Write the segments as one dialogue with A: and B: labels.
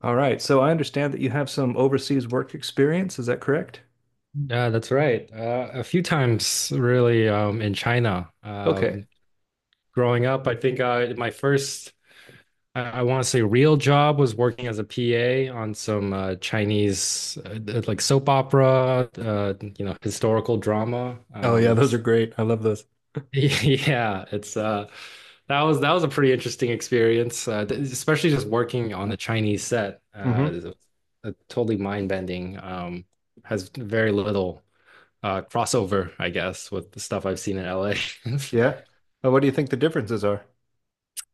A: All right. So I understand that you have some overseas work experience. Is that correct?
B: Yeah, that's right. A few times, really, in China.
A: Okay.
B: Growing up, I think, my first, I want to say, real job was working as a PA on some, Chinese, like soap opera, historical drama.
A: Oh, yeah. Those are great. I love those.
B: Yeah, it's that was a pretty interesting experience, especially just working on a Chinese set.
A: hmm
B: A totally mind-bending. Has very little crossover, I guess, with the stuff I've seen in LA.
A: Yeah. What do you think the differences are?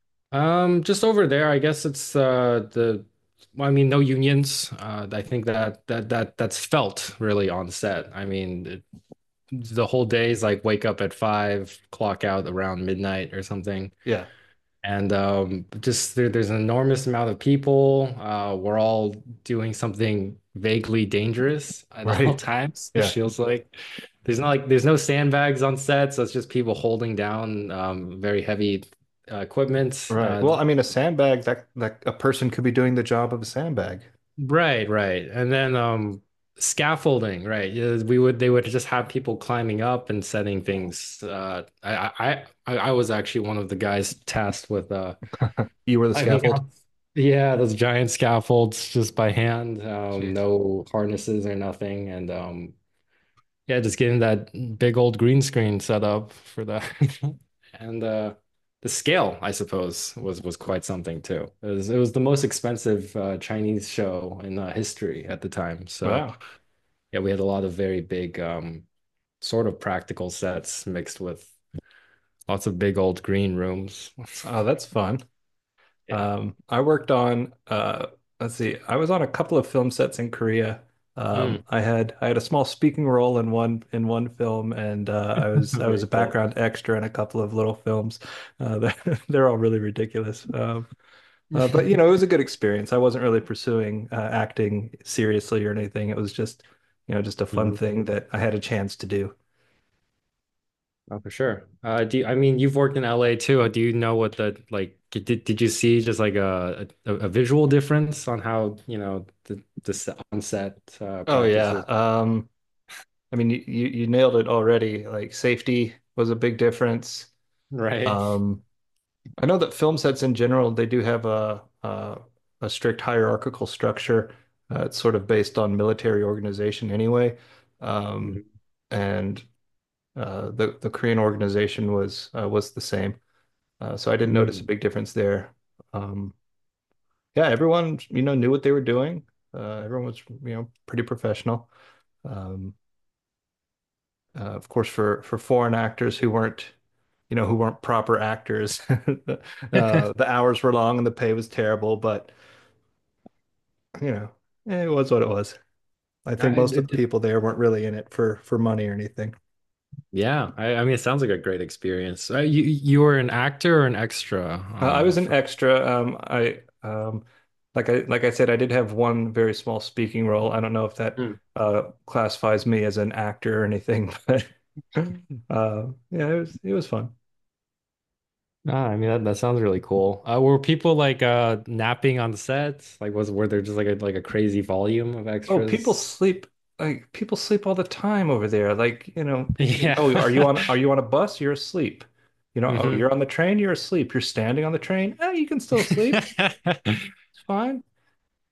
B: Just over there, I guess well, I mean, no unions. I think that that's felt really on set. I mean, the whole day is like wake up at 5, clock out around midnight or something.
A: Yeah.
B: And there's an enormous amount of people. We're all doing something vaguely dangerous at all
A: Right.
B: times. It
A: Yeah.
B: feels like there's not like there's no sandbags on set, so it's just people holding down very heavy equipment.
A: Right.
B: Uh,
A: Well, I mean, a sandbag, that a person could be doing the job of a sandbag.
B: right, right. And then scaffolding, right? Yeah, We would they would just have people climbing up and setting things. I was actually one of the guys tasked with
A: You were the
B: I mean, yeah,
A: scaffold.
B: yeah, those giant scaffolds just by hand,
A: Jeez.
B: no harnesses or nothing, and yeah, just getting that big old green screen set up for that, and the scale, I suppose, was quite something too. It was the most expensive Chinese show in history at the time. So
A: Wow.
B: yeah, we had a lot of very big, sort of practical sets mixed with lots of big old green rooms.
A: Oh, that's fun.
B: Yeah,
A: I worked on let's see, I was on a couple of film sets in Korea.
B: Mm.
A: I had a small speaking role in one film, and uh, I was I was
B: Very
A: a
B: cool.
A: background extra in a couple of little films. They're, they're all really ridiculous. But you
B: Mhm.
A: know, it was a good experience. I wasn't really pursuing acting seriously or anything. It was just you know just a fun thing that I had a chance to do.
B: Oh, for sure. I mean, you've worked in LA too. Do you know, what the like did you see just like a visual difference on how, the on-set
A: Oh yeah.
B: practices.
A: I mean, you nailed it already. Like, safety was a big difference.
B: Right?
A: Um, I know that film sets in general, they do have a strict hierarchical structure. It's sort of based on military organization anyway. Um,
B: Mhm.
A: and the Korean organization was the same. So I didn't notice a
B: Mm.
A: big difference there. Um, yeah, everyone, you know, knew what they were doing. Everyone was, you know, pretty professional. Um, of course, for foreign actors who weren't, you know, who weren't proper actors, the hours were long and the pay was terrible. But you know, eh, it was what it was. I think
B: I, it,
A: most of the
B: it-
A: people there weren't really in it for money or anything.
B: yeah, I mean, it sounds like a great experience. You were an actor or an extra
A: I was an
B: for
A: extra. I Like I said, I did have one very small speaking role. I don't know if that
B: Hmm.
A: classifies me as an actor or anything, but yeah, it was fun.
B: Ah, I mean, that sounds really cool. Were people like napping on sets? Like, was were there just like a crazy volume of
A: Oh, people
B: extras?
A: sleep like people sleep all the time over there. Like, you know,
B: Yeah.
A: oh, are you on, are you on a bus? You're asleep. You know, oh,
B: Mhm.
A: you're on the train, you're asleep. You're standing on the train. Eh, you can still sleep. It's fine.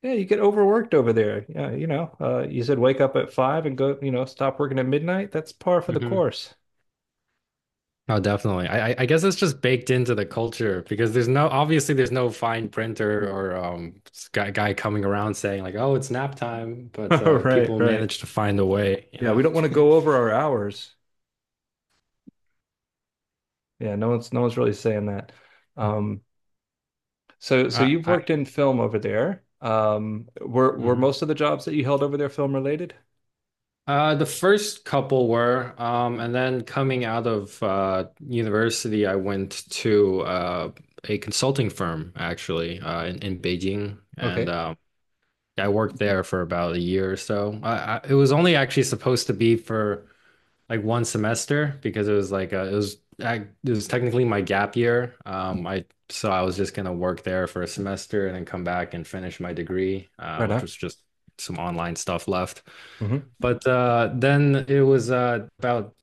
A: Yeah, you get overworked over there. Yeah, you know, you said wake up at five and go, you know, stop working at midnight. That's par for the
B: Mm-hmm.
A: course.
B: Oh, definitely. I guess it's just baked into the culture because there's no obviously there's no fine printer or guy coming around saying like, oh, it's nap time, but
A: Right,
B: people
A: right.
B: manage to find a way, you
A: Yeah,
B: know.
A: we don't want to go over our hours. Yeah, no one's really saying that. Um, So, so you've
B: I
A: worked in film over there. Were
B: Mhm.
A: most of the jobs that you held over there film related?
B: The first couple were, and then coming out of university, I went to a consulting firm actually, in Beijing, and
A: Okay.
B: I worked there for about a year or so. It was only actually supposed to be for like one semester because I, it was technically my gap year. I so I was just gonna work there for a semester and then come back and finish my degree,
A: Right
B: which
A: now.
B: was just some online stuff left.
A: hmm
B: But then it was about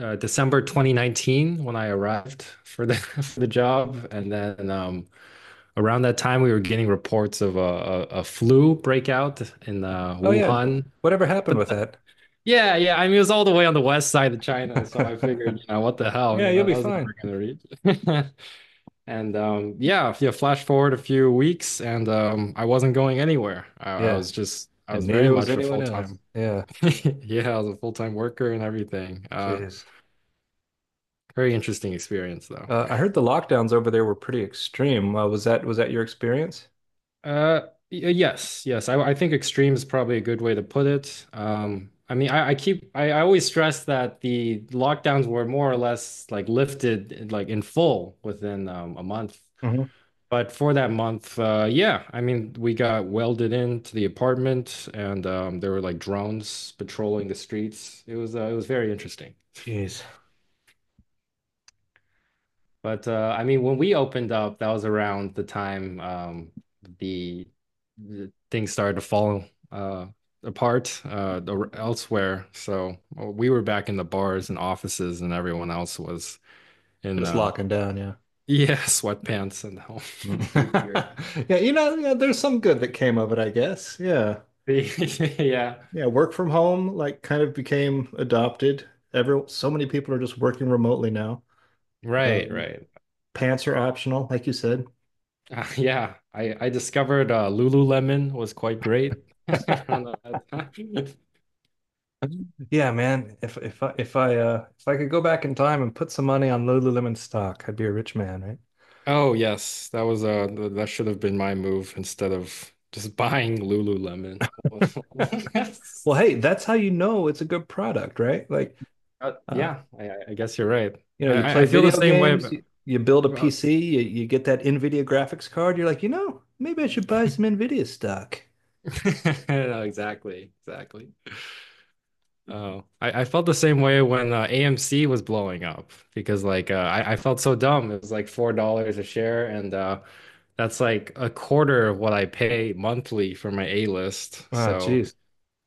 B: December 2019 when I arrived for the for the job, and then around that time we were getting reports of a flu breakout in
A: Oh yeah.
B: Wuhan.
A: Whatever happened
B: But,
A: with
B: the-
A: that?
B: yeah, yeah, I mean, it was all the way on the west side of China, so I figured, what the hell,
A: Yeah, you'll be
B: that was
A: fine.
B: never gonna reach. And yeah, yeah, flash forward a few weeks, and I wasn't going anywhere.
A: Yeah.
B: I
A: And
B: was very
A: neither was
B: much a
A: anyone
B: full
A: else.
B: time,
A: Yeah.
B: yeah, I was a full time worker and everything. Uh,
A: Jeez.
B: very interesting experience, though.
A: I heard the lockdowns over there were pretty extreme. Was that, was that your experience?
B: Uh, yes, yes. I think extreme is probably a good way to put it. I mean, I always stress that the lockdowns were more or less like lifted like in full within a month.
A: hmm
B: But for that month, yeah, I mean, we got welded into the apartment, and there were like drones patrolling the streets. It was very interesting.
A: Jeez.
B: But I mean, when we opened up, that was around the time the, the things started to fall uh, apart elsewhere. So we were back in the bars and offices, and everyone else was in
A: Just locking down, yeah.
B: yeah, sweatpants and home and
A: Mm.
B: beer.
A: Yeah, you know, yeah, there's some good that came of it, I guess. Yeah.
B: Yeah,
A: Yeah, work from home like kind of became adopted. Every so many people are just working remotely now.
B: right,
A: Um,
B: right.
A: pants are optional, like you said.
B: Yeah, I discovered, Lululemon was quite great. I don't know.
A: Yeah, man. If if I could go back in time and put some money on Lululemon stock, I'd be a rich man, right?
B: Oh yes, that should have been my move instead of just buying Lululemon.
A: Well, hey, that's how you know it's a good product, right? Like,
B: Uh,
A: uh,
B: yeah, I guess you're right.
A: you know,
B: I,
A: you
B: I I
A: play
B: feel the
A: video
B: same way
A: games,
B: about,
A: you build a
B: well,
A: PC, you, you get that NVIDIA graphics card, you're like, you know, maybe I should buy some NVIDIA stock.
B: no, exactly, exactly. Oh, I felt the same way when AMC was blowing up because like, I felt so dumb. It was like $4 a share, and that's like a quarter of what I pay monthly for my A-list.
A: Ah,
B: So,
A: geez.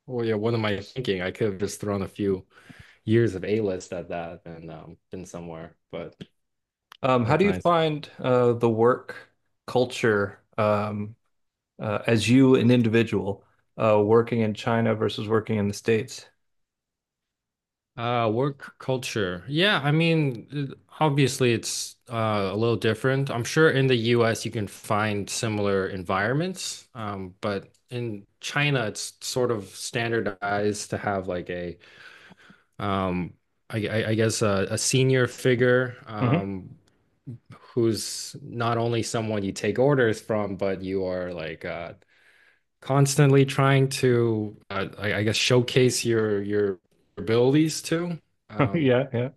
B: well, yeah, what am I thinking? I could have just thrown a few years of A-list at that and been somewhere, but
A: How
B: what
A: do
B: can
A: you
B: I say?
A: find the work culture as you, an individual, working in China versus working in the States?
B: Work culture. Yeah, I mean, obviously it's, a little different. I'm sure in the US you can find similar environments, but in China it's sort of standardized to have like um, I guess a senior figure,
A: hmm
B: who's not only someone you take orders from, but you are like, constantly trying to, I guess showcase your abilities too. Um,
A: yeah,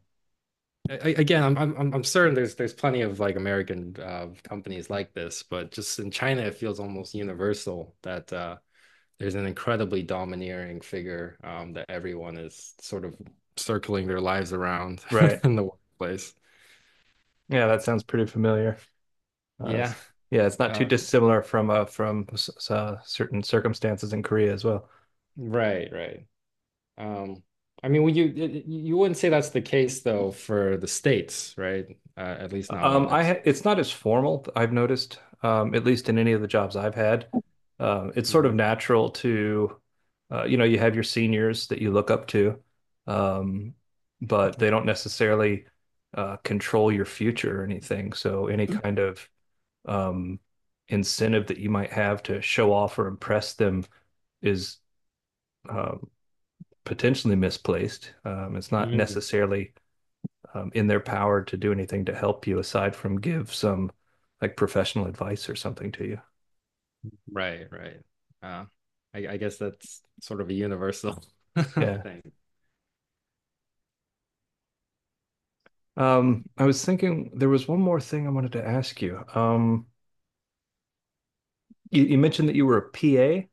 B: again, I'm certain there's plenty of like American, companies like this, but just in China, it feels almost universal that, there's an incredibly domineering figure, that everyone is sort of circling their lives around
A: right.
B: in the workplace.
A: Yeah, that sounds pretty familiar. Uh,
B: Yeah.
A: it's- yeah, it's not too
B: Uh,
A: dissimilar from certain circumstances in Korea as well.
B: right, right. Um, I mean, would you you wouldn't say that's the case though for the states, right? At least not what I've
A: I ha
B: seen.
A: it's not as formal, I've noticed, at least in any of the jobs I've had. It's sort of
B: Mhm.
A: natural to, you know, you have your seniors that you look up to, um, but they don't necessarily control your future or anything. So any kind of um, incentive that you might have to show off or impress them is um, potentially misplaced. It's not
B: Mm.
A: necessarily in their power to do anything to help you aside from give some like professional advice or something to you.
B: Right, right. Uh, I guess that's sort of a universal
A: Yeah.
B: thing.
A: I was thinking there was one more thing I wanted to ask you. You, you mentioned that you were a PA.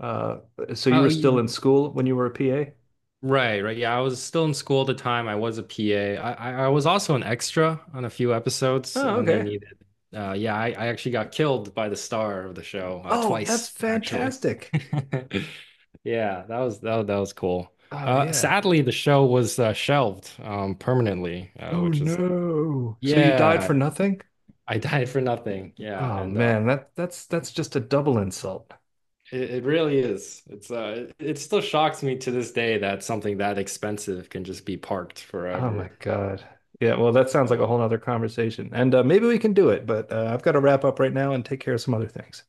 A: So you
B: Oh,
A: were still in
B: you,
A: school when you were a PA?
B: Right, right. Yeah, I was still in school at the time. I was a PA. I was also an extra on a few episodes
A: Oh,
B: when they
A: okay.
B: needed. Yeah, I actually got killed by the star of the show,
A: Oh, that's
B: twice, actually.
A: fantastic.
B: Yeah, that was cool.
A: Oh,
B: Uh,
A: yeah.
B: sadly, the show was shelved, permanently,
A: Oh
B: which is
A: no. So you died for
B: yeah,
A: nothing?
B: I died for nothing. Yeah,
A: Oh
B: and
A: man, that's just a double insult.
B: it really is. It still shocks me to this day that something that expensive can just be parked
A: Oh
B: forever.
A: my God. Yeah, well, that sounds
B: Oh
A: like a whole
B: well.
A: other conversation. And maybe we can do it, but I've got to wrap up right now and take care of some other things.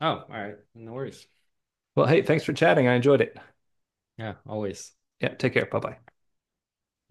B: Oh, all right. No worries.
A: Well, hey, thanks for chatting. I enjoyed it.
B: Yeah, always.
A: Yeah, take care. Bye bye.